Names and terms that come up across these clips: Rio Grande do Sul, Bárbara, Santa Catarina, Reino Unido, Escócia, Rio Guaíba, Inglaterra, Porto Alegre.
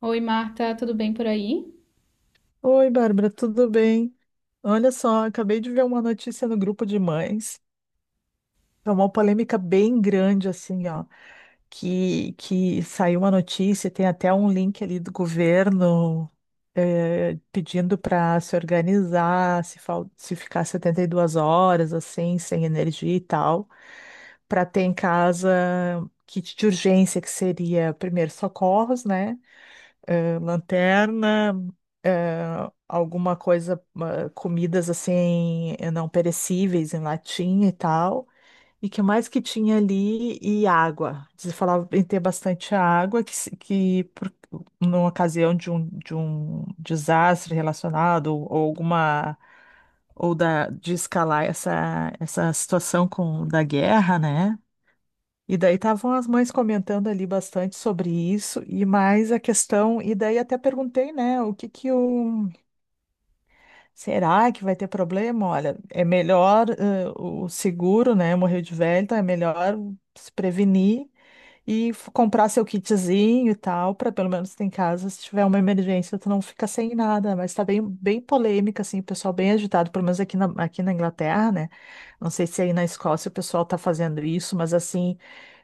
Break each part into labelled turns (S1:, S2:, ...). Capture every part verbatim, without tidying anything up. S1: Oi, Marta, tudo bem por aí?
S2: Oi, Bárbara, tudo bem? Olha só, acabei de ver uma notícia no grupo de mães. É uma polêmica bem grande, assim, ó, que, que saiu uma notícia, tem até um link ali do governo, eh, pedindo para se organizar, se, fal- se ficar setenta e duas horas, assim, sem energia e tal, para ter em casa kit de urgência, que seria primeiro socorros, né? Eh, lanterna, eh, alguma coisa, ah, comidas assim, eh, não perecíveis em latinha e tal. E que mais que tinha ali? E água. Eles falavam em ter bastante água, que, se- que por, numa ocasião de um, de um desastre relacionado, ou, ou alguma. Ou da, de escalar essa, essa situação com, da guerra, né? E daí estavam as mães comentando ali bastante sobre isso e mais a questão, e daí até perguntei, né, o que que o, será que vai ter problema? Olha, é melhor, eh, o seguro, né, morreu de velho, então é melhor se prevenir e f- comprar seu kitzinho e tal, para pelo menos ter em casa, se tiver uma emergência, tu não fica sem nada, mas tá bem bem polêmica assim, o pessoal bem agitado, pelo menos aqui na, aqui na Inglaterra, né? Não sei se aí na Escócia o pessoal tá fazendo isso, mas assim,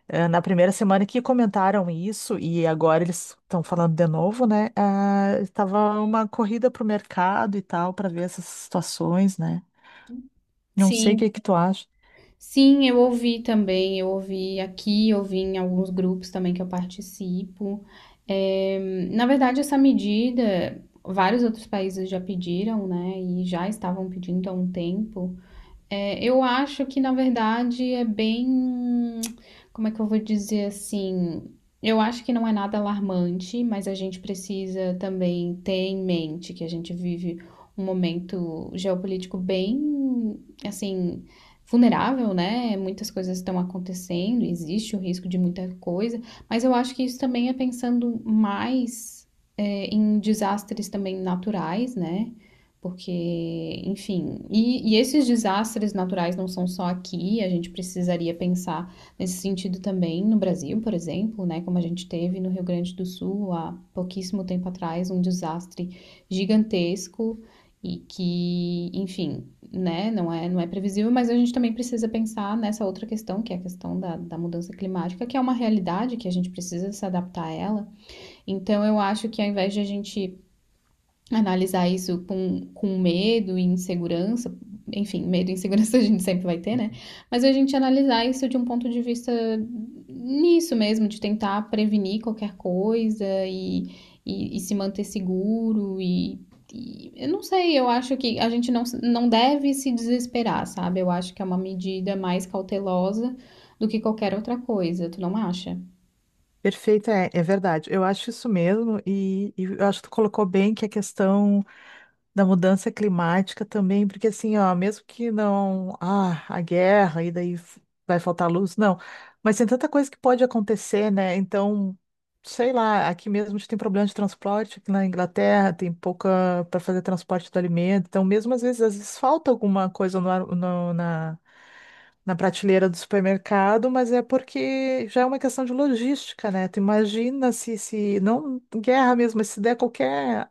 S2: eh, na primeira semana que comentaram isso, e agora eles estão falando de novo, né? Ah, estava uma corrida pro mercado e tal, para ver essas situações, né? Não sei o que
S1: Sim,
S2: é que tu acha.
S1: Sim, eu ouvi também, eu ouvi aqui, eu ouvi em alguns grupos também que eu participo. É, Na verdade, essa medida, vários outros países já pediram, né, e já estavam pedindo há um tempo. É, eu acho que, na verdade, é bem. Como é que eu vou dizer assim? Eu acho que não é nada alarmante, mas a gente precisa também ter em mente que a gente vive um momento geopolítico bem, assim, vulnerável, né? Muitas coisas estão acontecendo, existe o risco de muita coisa, mas eu acho que isso também é pensando mais, é, em desastres também naturais, né? Porque, enfim, e, e esses desastres naturais não são só aqui, a gente precisaria pensar nesse sentido também no Brasil, por exemplo, né? Como a gente teve no Rio Grande do Sul há pouquíssimo tempo atrás, um desastre gigantesco e que, enfim, né, não é, não é previsível, mas a gente também precisa pensar nessa outra questão, que é a questão da, da mudança climática, que é uma realidade que a gente precisa se adaptar a ela. Então, eu acho que ao invés de a gente analisar isso com, com medo e insegurança, enfim, medo e insegurança a gente sempre vai ter, né? Mas a gente analisar isso de um ponto de vista nisso mesmo, de tentar prevenir qualquer coisa e, e, e se manter seguro e, e eu não sei, eu acho que a gente não, não deve se desesperar, sabe? Eu acho que é uma medida mais cautelosa do que qualquer outra coisa, tu não acha?
S2: Perfeito, é, é verdade. Eu acho isso mesmo, e, e eu acho que tu colocou bem que a questão. Da mudança climática também, porque assim, ó, mesmo que não, ah, a guerra e daí f- vai faltar luz, não, mas tem tanta coisa que pode acontecer, né? Então, sei lá, aqui mesmo a gente tem problema de transporte, aqui na Inglaterra tem pouca para fazer transporte do alimento, então mesmo às vezes, às vezes falta alguma coisa no, ar- no- na Na prateleira do supermercado, mas é porque já é uma questão de logística, né? Tu imagina se, se não guerra mesmo, mas se der qualquer,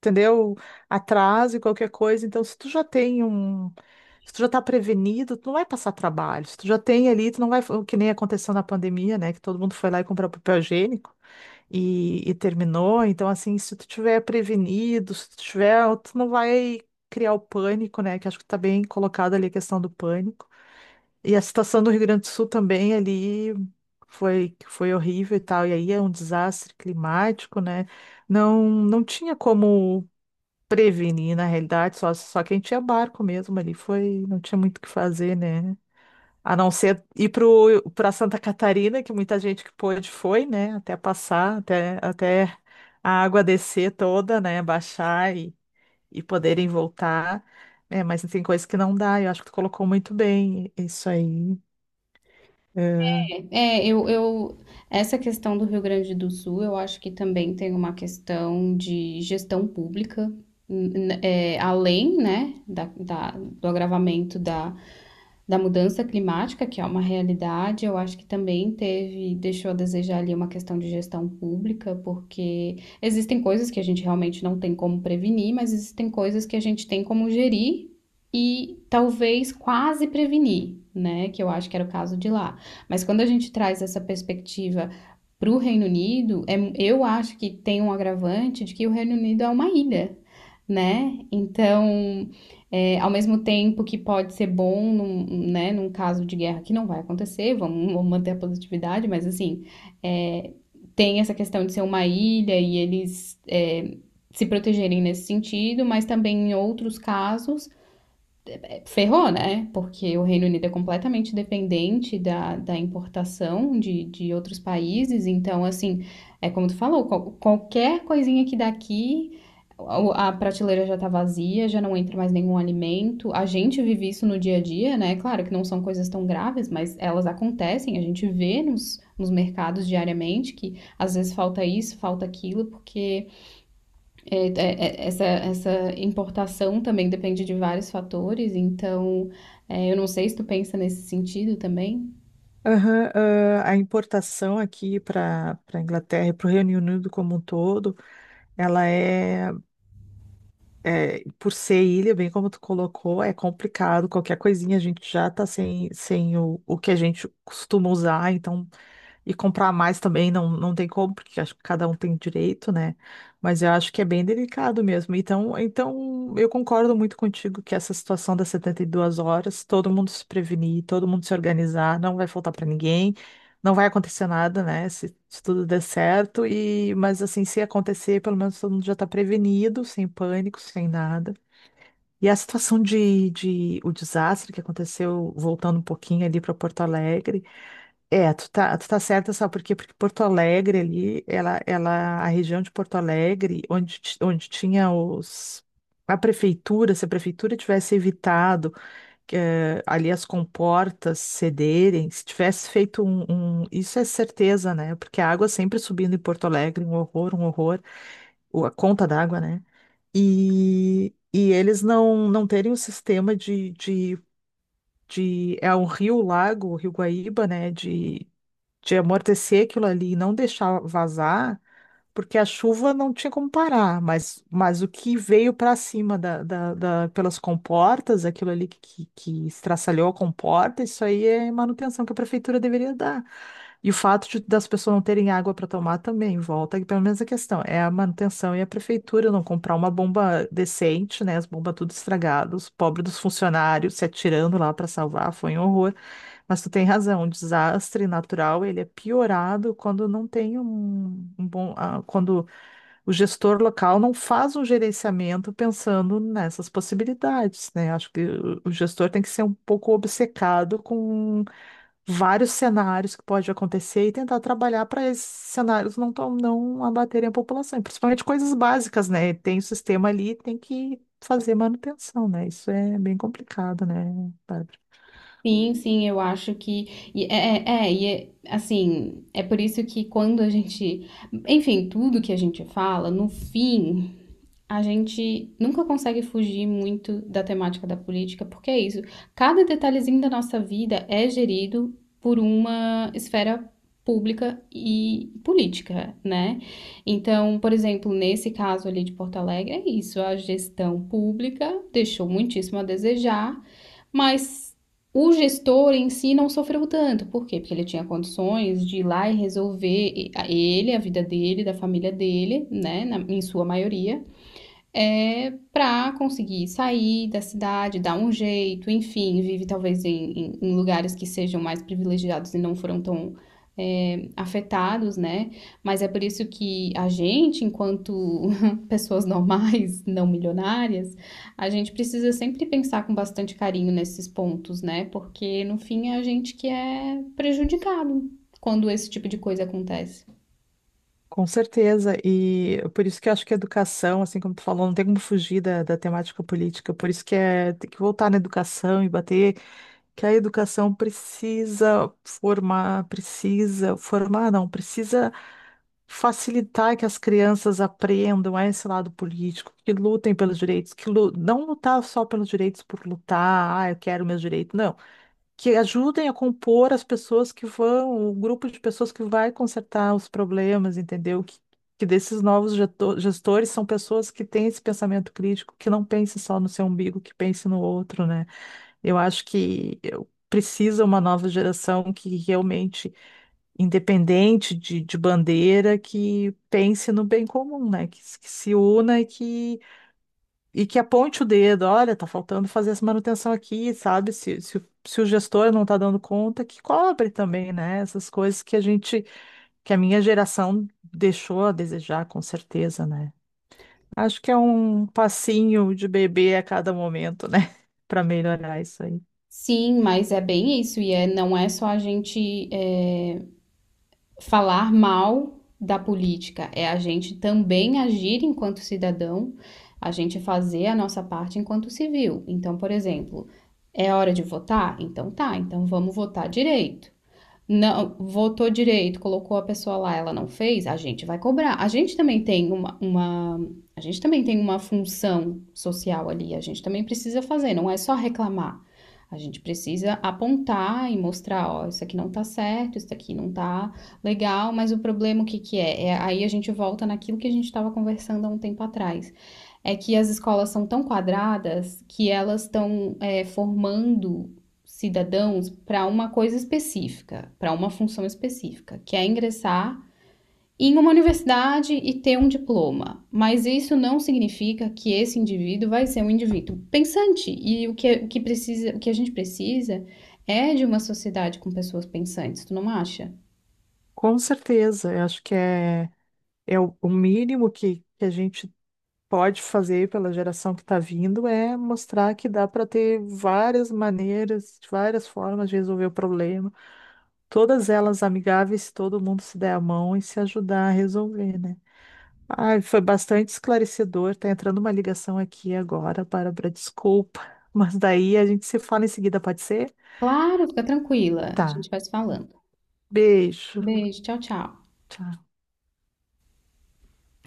S2: entendeu? Atraso e qualquer coisa. Então, se tu já tem um. Se tu já tá prevenido, tu não vai passar trabalho. Se tu já tem ali, tu não vai. O que nem aconteceu na pandemia, né? Que todo mundo foi lá e comprou papel higiênico e, e terminou. Então, assim, se tu tiver prevenido, se tu tiver. Tu não vai criar o pânico, né? Que acho que tá bem colocada ali a questão do pânico. E a situação do Rio Grande do Sul também ali foi, foi horrível e tal. E aí é um desastre climático, né? Não, não tinha como prevenir, na realidade, só, só quem tinha barco mesmo ali foi, não tinha muito o que fazer, né? A não ser ir pro, pra Santa Catarina, que muita gente que pôde foi, né? Até passar, até, até a água descer toda, né? Baixar e, e poderem voltar. É, mas tem coisas que não dá, eu acho que tu colocou muito bem isso aí. É.
S1: É, é, eu, eu, essa questão do Rio Grande do Sul, eu acho que também tem uma questão de gestão pública, n- n- é, além, né, da, da- do agravamento da, da mudança climática, que é uma realidade, eu acho que também teve, deixou a desejar ali uma questão de gestão pública, porque existem coisas que a gente realmente não tem como prevenir, mas existem coisas que a gente tem como gerir e talvez quase prevenir, né? Que eu acho que era o caso de lá. Mas quando a gente traz essa perspectiva para o Reino Unido, é, eu acho que tem um agravante de que o Reino Unido é uma ilha, né? Então, é, ao mesmo tempo que pode ser bom num, né, num caso de guerra que não vai acontecer, vamos, vamos manter a positividade, mas assim, é, tem essa questão de ser uma ilha e eles é, se protegerem nesse sentido, mas também em outros casos ferrou, né? Porque o Reino Unido é completamente dependente da, da importação de, de outros países. Então, assim, é como tu falou, qual- qualquer coisinha que daqui, a prateleira já tá vazia, já não entra mais nenhum alimento. A gente vive isso no dia a dia, né? Claro que não são coisas tão graves, mas elas acontecem. A gente vê nos, nos mercados diariamente que às vezes falta isso, falta aquilo, porque é, é, é, essa, essa importação também depende de vários fatores, então é, eu não sei se tu pensa nesse sentido também.
S2: Aham, ah, a importação aqui para para Inglaterra e para o Reino Unido como um todo, ela é. É, por ser ilha, bem como tu colocou, é complicado. Qualquer coisinha a gente já tá sem, sem o, o que a gente costuma usar, então, e comprar mais também não, não tem como, porque acho que cada um tem direito, né? Mas eu acho que é bem delicado mesmo. Então, então eu concordo muito contigo que essa situação das setenta e duas horas, todo mundo se prevenir, todo mundo se organizar, não vai faltar para ninguém. Não vai acontecer nada, né? Se, se tudo der certo. E, mas assim, se acontecer, pelo menos todo mundo já está prevenido, sem pânico, sem nada. E a situação de, de o desastre que aconteceu, voltando um pouquinho ali para Porto Alegre. É, tu tá, tu tá certa, sabe por quê? Porque Porto Alegre ali, ela, ela, a região de Porto Alegre, onde, ti- onde tinha os. A prefeitura, se a prefeitura tivesse evitado, eh, ali as comportas cederem, se tivesse feito um, um- isso é certeza, né? Porque a água sempre subindo em Porto Alegre, um horror, um horror, o- a conta d'água, né? E, e eles não, não terem um sistema de, de, de. É um rio, lago, o Rio Guaíba, né? De amortecer aquilo ali e não deixar vazar, porque a chuva não tinha como parar, mas, mas o que veio para cima da, da, da- pelas comportas, aquilo ali que, que, que estraçalhou a comporta, isso aí é manutenção que a prefeitura deveria dar. E o fato de, das pessoas não terem água para tomar também, volta, que pelo menos a questão é a manutenção e a prefeitura não comprar uma bomba decente, né? As bombas tudo estragadas, os pobres dos funcionários se atirando lá para salvar, foi um horror. Mas tu tem razão, o desastre natural, ele é piorado quando não tem um, um bom, ah, quando o gestor local não faz um gerenciamento pensando nessas possibilidades, né? Acho que o o gestor tem que ser um pouco obcecado com vários cenários que pode acontecer e tentar trabalhar para esses cenários não, tom- não abaterem a população, e principalmente coisas básicas, né? Tem o sistema ali, tem que fazer manutenção, né? Isso é bem complicado, né, Bárbara?
S1: Sim, sim, eu acho que. E é, é, é, e é, assim, é por isso que quando a gente. Enfim, tudo que a gente fala, no fim, a gente nunca consegue fugir muito da temática da política, porque é isso. Cada detalhezinho da nossa vida é gerido por uma esfera pública e política, né? Então, por exemplo, nesse caso ali de Porto Alegre, é isso. A gestão pública deixou muitíssimo a desejar, mas o gestor em si não sofreu tanto. Por quê? Porque ele tinha condições de ir lá e resolver ele, a vida dele, da família dele, né? Na- em sua maioria é, para conseguir sair da cidade, dar um jeito, enfim, vive talvez em, em- em lugares que sejam mais privilegiados e não foram tão é, afetados, né? Mas é por isso que a gente, enquanto pessoas normais, não milionárias, a gente precisa sempre pensar com bastante carinho nesses pontos, né? Porque no fim é a gente que é prejudicado quando esse tipo de coisa acontece.
S2: Com certeza, e por isso que eu acho que a educação, assim como tu falou, não tem como fugir da, da temática política, por isso que é, tem que voltar na educação e bater que a educação precisa formar, precisa formar, não, precisa facilitar que as crianças aprendam a esse lado político, que lutem pelos direitos, que lu- não lutar só pelos direitos por lutar, ah, eu quero meus direitos, não, que ajudem a compor as pessoas que vão, o grupo de pessoas que vai consertar os problemas, entendeu? Que, que desses novos geto- gestores são pessoas que têm esse pensamento crítico, que não pense só no seu umbigo, que pense no outro, né? Eu acho que eu- precisa uma nova geração que realmente, independente de, de bandeira, que pense no bem comum, né? Que, se- que se una e que e que aponte o dedo, olha, tá faltando fazer essa manutenção aqui, sabe? Se, se, o se o gestor não tá dando conta, que cobre também, né? Essas coisas que a gente, que a minha geração deixou a desejar, com certeza, né? Acho que é um passinho de bebê a cada momento, né? Para melhorar isso aí.
S1: Sim, mas é bem isso, e é, não é só a gente é, falar mal da política, é a gente também agir enquanto cidadão, a gente fazer a nossa parte enquanto civil. Então, por exemplo, é hora de votar? Então tá, então vamos votar direito, não votou direito, colocou a pessoa lá, ela não fez, a gente vai cobrar. A gente também tem uma, uma, a gente também tem uma função social ali, a gente também precisa fazer, não é só reclamar. A gente precisa apontar e mostrar, ó, isso aqui não tá certo, isso aqui não tá legal, mas o problema o que que é? É aí a gente volta naquilo que a gente estava conversando há um tempo atrás. É que as escolas são tão quadradas que elas estão é, formando cidadãos para uma coisa específica, para uma função específica, que é ingressar em uma universidade e ter um diploma. Mas isso não significa que esse indivíduo vai ser um indivíduo pensante. E o que, o que, precisa, o que a gente precisa é de uma sociedade com pessoas pensantes, tu não acha?
S2: Com certeza, eu acho que é, é o o mínimo que, que a gente pode fazer pela geração que está vindo é mostrar que dá para ter várias maneiras, várias formas de resolver o problema. Todas elas amigáveis, se todo mundo se der a mão e se ajudar a resolver, né? Ai, foi bastante esclarecedor. Tá entrando uma ligação aqui agora, Bárbara, desculpa. Mas daí a gente se fala em seguida, pode ser?
S1: Claro, fica tranquila, a
S2: Tá.
S1: gente vai se falando.
S2: Beijo.
S1: Beijo, tchau, tchau.
S2: Tchau.